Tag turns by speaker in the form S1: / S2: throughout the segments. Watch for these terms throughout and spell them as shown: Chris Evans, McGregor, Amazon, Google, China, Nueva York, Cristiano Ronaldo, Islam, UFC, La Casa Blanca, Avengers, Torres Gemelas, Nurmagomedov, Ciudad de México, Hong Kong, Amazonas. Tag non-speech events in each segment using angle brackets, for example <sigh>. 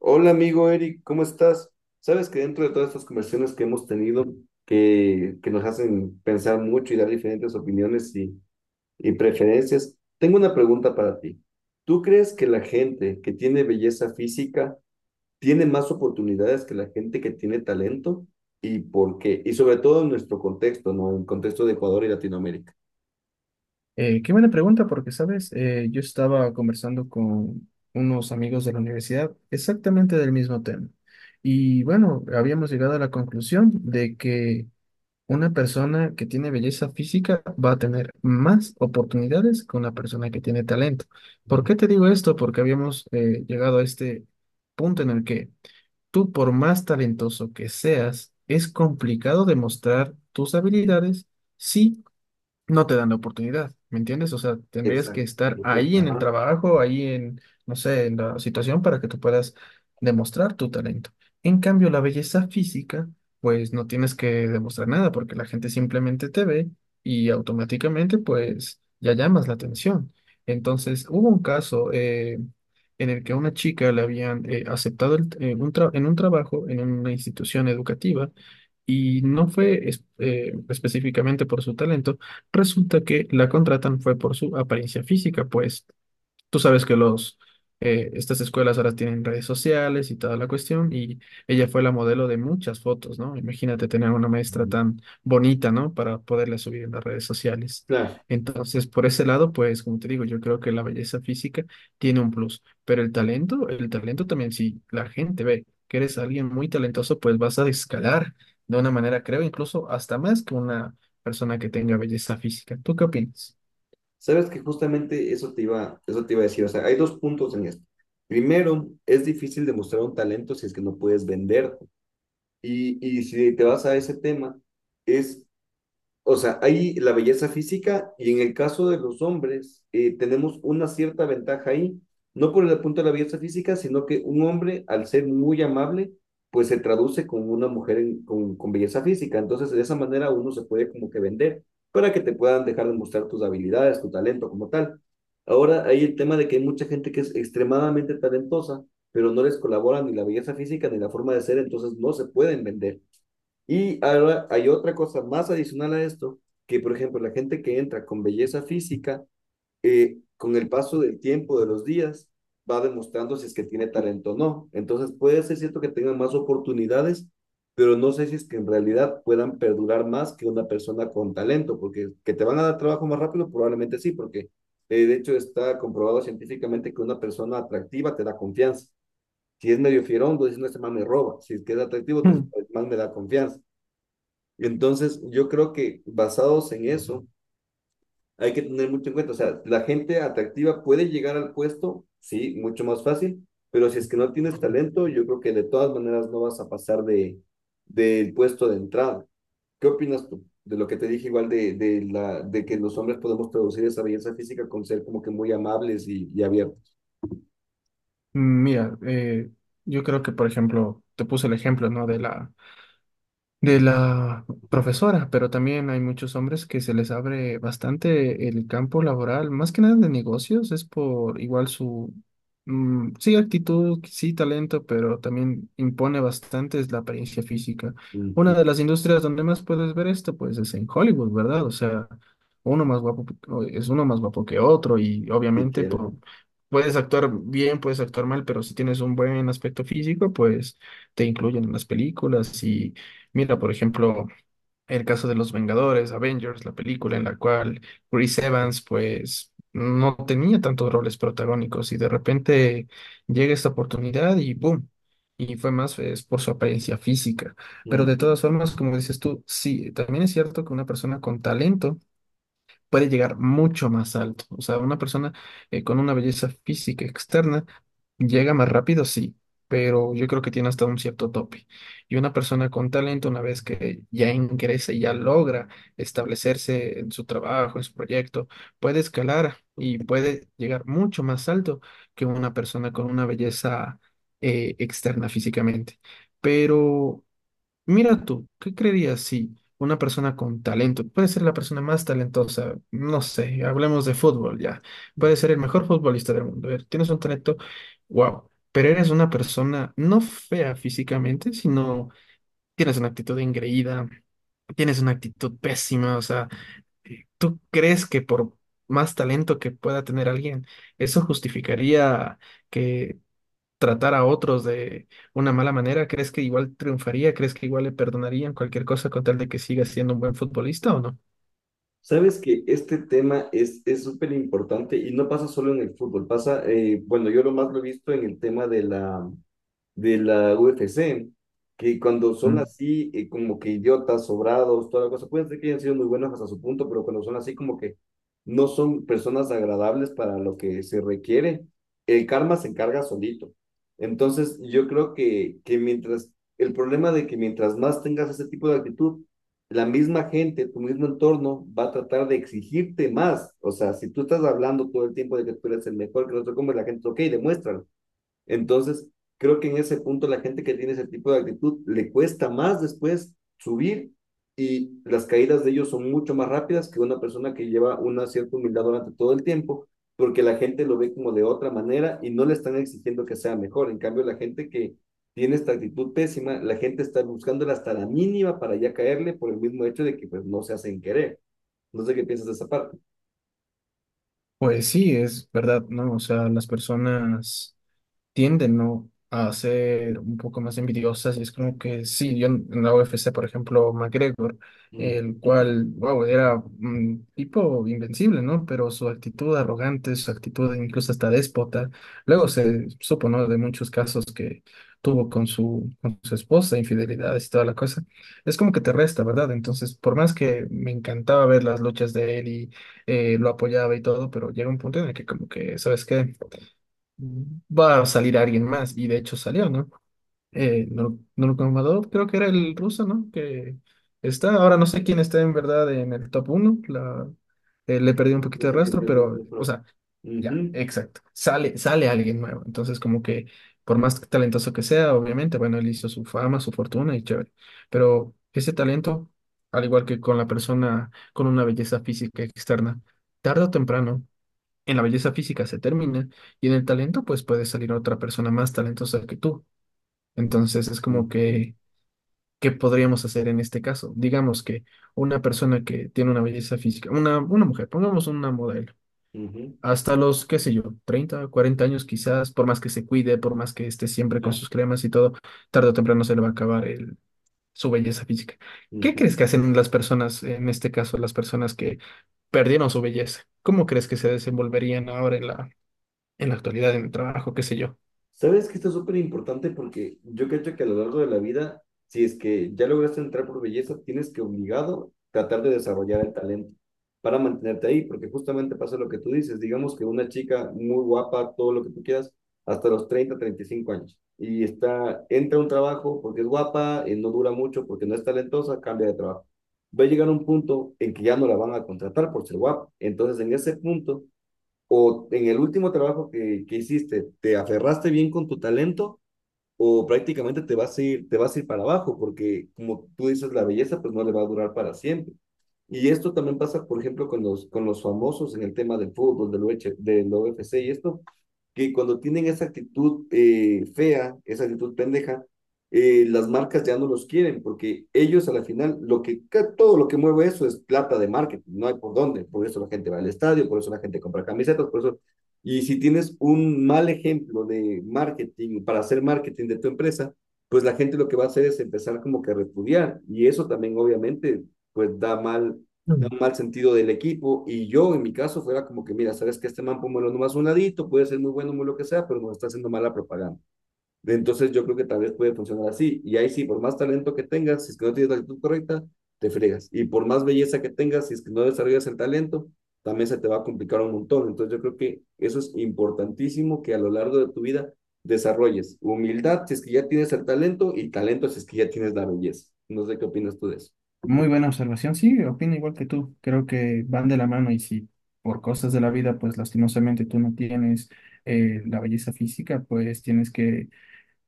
S1: Hola amigo Eric, ¿cómo estás? Sabes que dentro de todas estas conversaciones que hemos tenido, que nos hacen pensar mucho y dar diferentes opiniones y preferencias, tengo una pregunta para ti. ¿Tú crees que la gente que tiene belleza física tiene más oportunidades que la gente que tiene talento? ¿Y por qué? Y sobre todo en nuestro contexto, ¿no? En el contexto de Ecuador y Latinoamérica.
S2: Qué buena pregunta, porque, sabes, yo estaba conversando con unos amigos de la universidad exactamente del mismo tema. Y bueno, habíamos llegado a la conclusión de que una persona que tiene belleza física va a tener más oportunidades que una persona que tiene talento. ¿Por qué te digo esto? Porque habíamos llegado a este punto en el que tú, por más talentoso que seas, es complicado demostrar tus habilidades si no te dan la oportunidad, ¿me entiendes? O sea, tendrías que
S1: Exacto,
S2: estar
S1: perfecto.
S2: ahí en el
S1: Ajá.
S2: trabajo, ahí en, no sé, en la situación para que tú puedas demostrar tu talento. En cambio, la belleza física, pues no tienes que demostrar nada porque la gente simplemente te ve y automáticamente, pues ya llamas la atención. Entonces, hubo un caso en el que a una chica le habían aceptado en en un trabajo en una institución educativa y no fue específicamente por su talento. Resulta que la contratan fue por su apariencia física, pues tú sabes que los estas escuelas ahora tienen redes sociales y toda la cuestión, y ella fue la modelo de muchas fotos, ¿no? Imagínate tener una maestra tan bonita, ¿no?, para poderla subir en las redes sociales.
S1: Claro.
S2: Entonces, por ese lado, pues, como te digo, yo creo que la belleza física tiene un plus, pero el talento también, si la gente ve que eres alguien muy talentoso, pues vas a escalar de una manera, creo, incluso hasta más que una persona que tenga belleza física. ¿Tú qué opinas?
S1: Sabes que justamente eso te iba a decir, o sea, hay dos puntos en esto. Primero, es difícil demostrar un talento si es que no puedes venderlo. Y si te vas a ese tema, es, o sea, hay la belleza física y en el caso de los hombres tenemos una cierta ventaja ahí, no por el punto de la belleza física, sino que un hombre al ser muy amable, pues se traduce con una mujer con belleza física. Entonces, de esa manera uno se puede como que vender para que te puedan dejar de mostrar tus habilidades, tu talento como tal. Ahora hay el tema de que hay mucha gente que es extremadamente talentosa, pero no les colabora ni la belleza física ni la forma de ser, entonces no se pueden vender. Y ahora hay otra cosa más adicional a esto, que por ejemplo la gente que entra con belleza física, con el paso del tiempo, de los días, va demostrando si es que tiene talento o no. Entonces puede ser cierto que tengan más oportunidades, pero no sé si es que en realidad puedan perdurar más que una persona con talento, porque que te van a dar trabajo más rápido, probablemente sí, porque de hecho está comprobado científicamente que una persona atractiva te da confianza. Si es medio fierón, tú dices, no, este man me roba. Si es que es atractivo, te dices, "Este man me da confianza". Entonces, yo creo que basados en eso, hay que tener mucho en cuenta. O sea, la gente atractiva puede llegar al puesto, sí, mucho más fácil, pero si es que no tienes talento, yo creo que de todas maneras no vas a pasar del puesto de entrada. ¿Qué opinas tú de lo que te dije igual de que los hombres podemos traducir esa belleza física con ser como que muy amables y abiertos?
S2: Mira, yo creo que, por ejemplo, te puse el ejemplo, ¿no?, de la, de la profesora, pero también hay muchos hombres que se les abre bastante el campo laboral, más que nada de negocios, es por igual su, sí, actitud, sí, talento, pero también impone bastante es la apariencia física. Una
S1: Ujú.
S2: de las industrias donde más puedes ver esto, pues es en Hollywood, ¿verdad? O sea, uno más guapo o es uno más guapo que otro y obviamente por...
S1: Literal.
S2: Puedes actuar bien, puedes actuar mal, pero si tienes un buen aspecto físico, pues te incluyen en las películas. Y mira, por ejemplo, el caso de los Vengadores, Avengers, la película en la cual Chris Evans, pues, no tenía tantos roles protagónicos y de repente llega esta oportunidad y ¡boom! Y fue más pues, por su apariencia física. Pero de
S1: Ujú.
S2: todas formas, como dices tú, sí, también es cierto que una persona con talento puede llegar mucho más alto. O sea, una persona con una belleza física externa llega más rápido, sí, pero yo creo que tiene hasta un cierto tope. Y una persona con talento, una vez que ya ingresa y ya logra establecerse en su trabajo, en su proyecto, puede escalar y puede llegar mucho más alto que una persona con una belleza externa físicamente. Pero mira tú, ¿qué creerías si una persona con talento, puede ser la persona más talentosa, no sé, hablemos de fútbol ya, puede ser el mejor futbolista del mundo, tienes un talento, wow, pero eres una persona no fea físicamente, sino tienes una actitud engreída, tienes una actitud pésima, o sea, ¿tú crees que por más talento que pueda tener alguien, eso justificaría que tratar a otros de una mala manera? ¿Crees que igual triunfaría? ¿Crees que igual le perdonarían cualquier cosa con tal de que siga siendo un buen futbolista o no?
S1: Sabes que este tema es súper importante y no pasa solo en el fútbol, pasa, bueno, yo lo más lo he visto en el tema de la UFC, que cuando son
S2: Mm.
S1: así, como que idiotas, sobrados, toda la cosa, pueden ser que hayan sido muy buenos hasta su punto, pero cuando son así, como que no son personas agradables para lo que se requiere, el karma se encarga solito. Entonces, yo creo que mientras, el problema de que mientras más tengas ese tipo de actitud, la misma gente, tu mismo entorno va a tratar de exigirte más. O sea, si tú estás hablando todo el tiempo de que tú eres el mejor que no te comes la gente, ok, demuéstralo entonces, creo que en ese punto la gente que tiene ese tipo de actitud le cuesta más después subir y las caídas de ellos son mucho más rápidas que una persona que lleva una cierta humildad durante todo el tiempo, porque la gente lo ve como de otra manera y no le están exigiendo que sea mejor. En cambio, la gente que tiene esta actitud pésima, la gente está buscándola hasta la mínima para ya caerle por el mismo hecho de que pues no se hacen querer. No sé qué piensas de esa parte.
S2: Pues sí, es verdad, ¿no? O sea, las personas tienden, ¿no?, a ser un poco más envidiosas y es como que sí, yo en la UFC, por ejemplo, McGregor,
S1: Uh
S2: el cual, wow, era un tipo invencible, ¿no? Pero su actitud arrogante, su actitud incluso hasta déspota, luego se supo, ¿no?, de muchos casos que tuvo con su esposa, infidelidades y toda la cosa, es como que te resta, ¿verdad? Entonces, por más que me encantaba ver las luchas de él y lo apoyaba y todo, pero llega un punto en el que como que, ¿sabes qué?, va a salir alguien más, y de hecho salió, ¿no? Nurmagomedov, creo que era el ruso, ¿no?, que está, ahora no sé quién está en verdad en el top uno la, le perdí un poquito de rastro, pero, o sea, ya,
S1: -huh.
S2: exacto, sale, sale alguien nuevo, entonces como que por más talentoso que sea, obviamente, bueno, él hizo su fama, su fortuna y chévere, pero ese talento, al igual que con la persona con una belleza física externa, tarde o temprano en la belleza física se termina, y en el talento pues puede salir otra persona más talentosa que tú. Entonces es
S1: Uh
S2: como
S1: -huh.
S2: que, ¿qué podríamos hacer en este caso? Digamos que una persona que tiene una belleza física, una mujer, pongamos una modelo,
S1: Uh -huh.
S2: hasta los, qué sé yo, 30, 40 años quizás, por más que se cuide, por más que esté siempre con sus cremas y todo, tarde o temprano se le va a acabar el, su belleza física. ¿Qué crees
S1: Ujú.
S2: que hacen las personas, en este caso, las personas que perdieron su belleza? ¿Cómo crees que se desenvolverían ahora en la actualidad, en el trabajo, qué sé yo?
S1: Sabes que esto es súper importante porque yo creo que a lo largo de la vida, si es que ya lograste entrar por belleza, tienes que obligado tratar de desarrollar el talento para mantenerte ahí, porque justamente pasa lo que tú dices, digamos que una chica muy guapa, todo lo que tú quieras, hasta los 35 años, y está, entra a un trabajo porque es guapa, no dura mucho, porque no es talentosa, cambia de trabajo. Va a llegar un punto en que ya no la van a contratar por ser guapa. Entonces, en ese punto o en el último trabajo que hiciste, te aferraste bien con tu talento o prácticamente te vas a ir, te vas a ir para abajo, porque como tú dices, la belleza pues no le va a durar para siempre. Y esto también pasa, por ejemplo, con los famosos en el tema del fútbol, del UFC y esto, que cuando tienen esa actitud fea, esa actitud pendeja, las marcas ya no los quieren, porque ellos a la final, lo que, todo lo que mueve eso es plata de marketing, no hay por dónde, por eso la gente va al estadio, por eso la gente compra camisetas, por eso y si tienes un mal ejemplo de marketing para hacer marketing de tu empresa, pues la gente lo que va a hacer es empezar como que a repudiar. Y eso también obviamente pues da mal, da
S2: Mm.
S1: un mal sentido del equipo. Y yo en mi caso fuera como que, mira, sabes que este man póngalo nomás un ladito, puede ser muy bueno, muy lo que sea, pero nos está haciendo mala propaganda. Entonces yo creo que tal vez puede funcionar así. Y ahí sí, por más talento que tengas, si es que no tienes la actitud correcta, te fregas. Y por más belleza que tengas, si es que no desarrollas el talento, también se te va a complicar un montón. Entonces yo creo que eso es importantísimo que a lo largo de tu vida desarrolles humildad si es que ya tienes el talento y talento si es que ya tienes la belleza. No sé qué opinas tú de eso.
S2: Muy buena observación, sí, opino igual que tú, creo que van de la mano y si por cosas de la vida, pues lastimosamente tú no tienes la belleza física, pues tienes que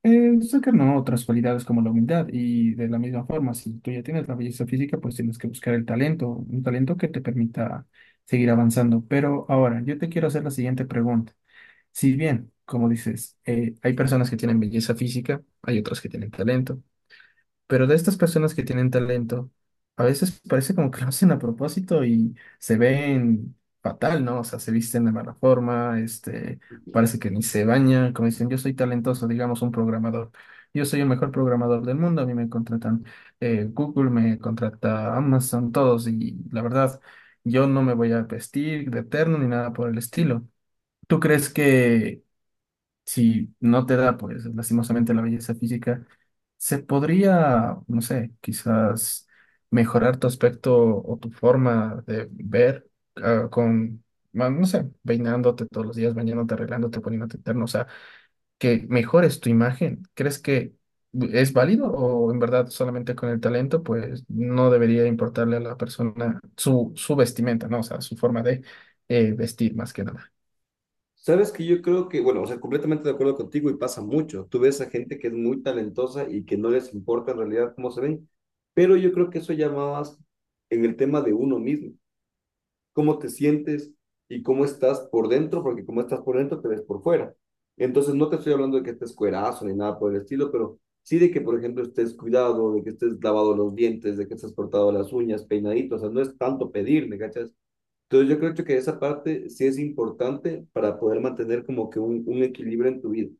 S2: sacar, ¿no?, otras cualidades como la humildad, y de la misma forma, si tú ya tienes la belleza física, pues tienes que buscar el talento, un talento que te permita seguir avanzando. Pero ahora, yo te quiero hacer la siguiente pregunta. Si bien, como dices, hay personas que tienen belleza física, hay otras que tienen talento. Pero de estas personas que tienen talento, a veces parece como que lo hacen a propósito y se ven fatal, ¿no? O sea, se visten de mala forma, parece que ni se bañan, como dicen, yo soy talentoso, digamos, un programador. Yo soy el mejor programador del mundo, a mí me contratan Google, me contrata Amazon, todos, y la verdad, yo no me voy a vestir de eterno ni nada por el estilo. ¿Tú crees que si no te da, pues, lastimosamente la belleza física, se podría, no sé, quizás mejorar tu aspecto o tu forma de ver con, no sé, peinándote todos los días, bañándote, arreglándote, poniéndote terno, o sea, que mejores tu imagen? ¿Crees que es válido o en verdad solamente con el talento, pues, no debería importarle a la persona su, su vestimenta, ¿no?, o sea, su forma de vestir más que nada?
S1: Sabes que yo creo que, bueno, o sea, completamente de acuerdo contigo y pasa mucho. Tú ves a gente que es muy talentosa y que no les importa en realidad cómo se ven, pero yo creo que eso ya va más en el tema de uno mismo, cómo te sientes y cómo estás por dentro, porque como estás por dentro te ves por fuera. Entonces no te estoy hablando de que estés cuerazo ni nada por el estilo, pero sí de que, por ejemplo, estés cuidado, de que estés lavado los dientes, de que estés cortado las uñas, peinadito, o sea, no es tanto pedir, ¿me cachas? Entonces yo creo que esa parte sí es importante para poder mantener como que un equilibrio en tu vida.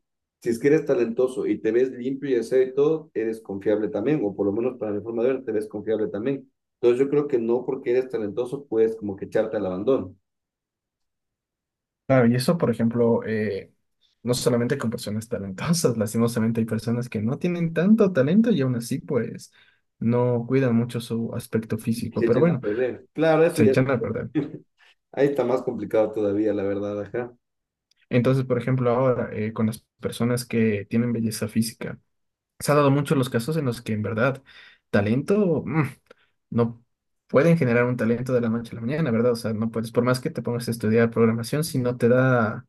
S1: Si es que eres talentoso y te ves limpio y aseo y todo, eres confiable también, o por lo menos para mi forma de ver, te ves confiable también. Entonces yo creo que no porque eres talentoso puedes como que echarte al abandono,
S2: Claro, y eso, por ejemplo, no solamente con personas talentosas, <laughs> lastimosamente hay personas que no tienen tanto talento y aún así, pues, no cuidan mucho su aspecto físico,
S1: se
S2: pero
S1: echan a
S2: bueno,
S1: perder. Claro, eso
S2: se
S1: ya,
S2: echan a perder.
S1: <laughs> ahí está más complicado todavía, la verdad, ajá.
S2: Entonces, por ejemplo, ahora, con las personas que tienen belleza física, se ha dado muchos los casos en los que en verdad talento, no pueden generar un talento de la noche a la mañana, ¿verdad? O sea, no puedes, por más que te pongas a estudiar programación, si no te da,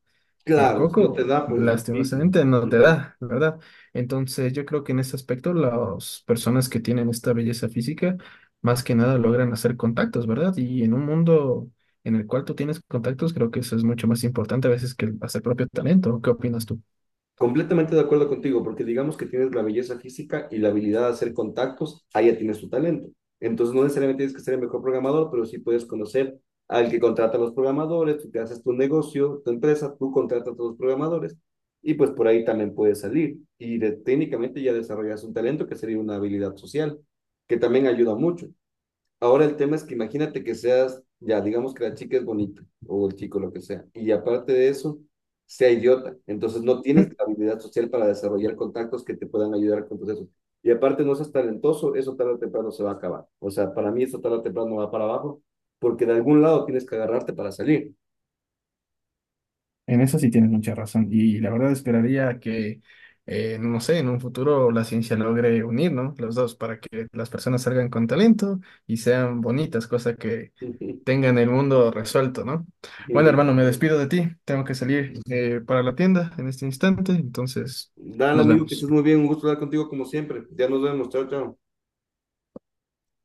S2: el
S1: Claro, si no te
S2: coco,
S1: da, pues difícil.
S2: lastimosamente, no te
S1: Ujú.
S2: da, ¿verdad? Entonces, yo creo que en ese aspecto las personas que tienen esta belleza física, más que nada logran hacer contactos, ¿verdad? Y en un mundo en el cual tú tienes contactos, creo que eso es mucho más importante a veces que el- hacer propio talento. ¿Qué opinas tú?
S1: Completamente de acuerdo contigo, porque digamos que tienes la belleza física y la habilidad de hacer contactos, ahí ya tienes tu talento. Entonces no necesariamente tienes que ser el mejor programador, pero sí puedes conocer al que contrata a los programadores, tú te haces tu negocio, tu empresa, tú contratas a todos los programadores y pues por ahí también puedes salir. Y técnicamente ya desarrollas un talento que sería una habilidad social, que también ayuda mucho. Ahora el tema es que imagínate que seas, ya digamos que la chica es bonita o el chico, lo que sea, y aparte de eso, sea idiota. Entonces no tienes la habilidad social para desarrollar contactos que te puedan ayudar con todo eso. Y aparte no seas talentoso, eso tarde o temprano se va a acabar. O sea, para mí eso tarde o temprano va para abajo, porque de algún lado tienes que agarrarte para salir.
S2: En eso sí tienes mucha razón. Y la verdad esperaría que, no sé, en un futuro la ciencia logre unir, ¿no?, los dos para que las personas salgan con talento y sean bonitas, cosa que
S1: <laughs>
S2: tengan el mundo resuelto, ¿no? Bueno, hermano, me
S1: Literal.
S2: despido de ti. Tengo que salir para la tienda en este instante, entonces
S1: Dale,
S2: nos
S1: amigo, que
S2: vemos.
S1: estés muy bien. Un gusto hablar contigo como siempre. Ya nos vemos. Chao, chao.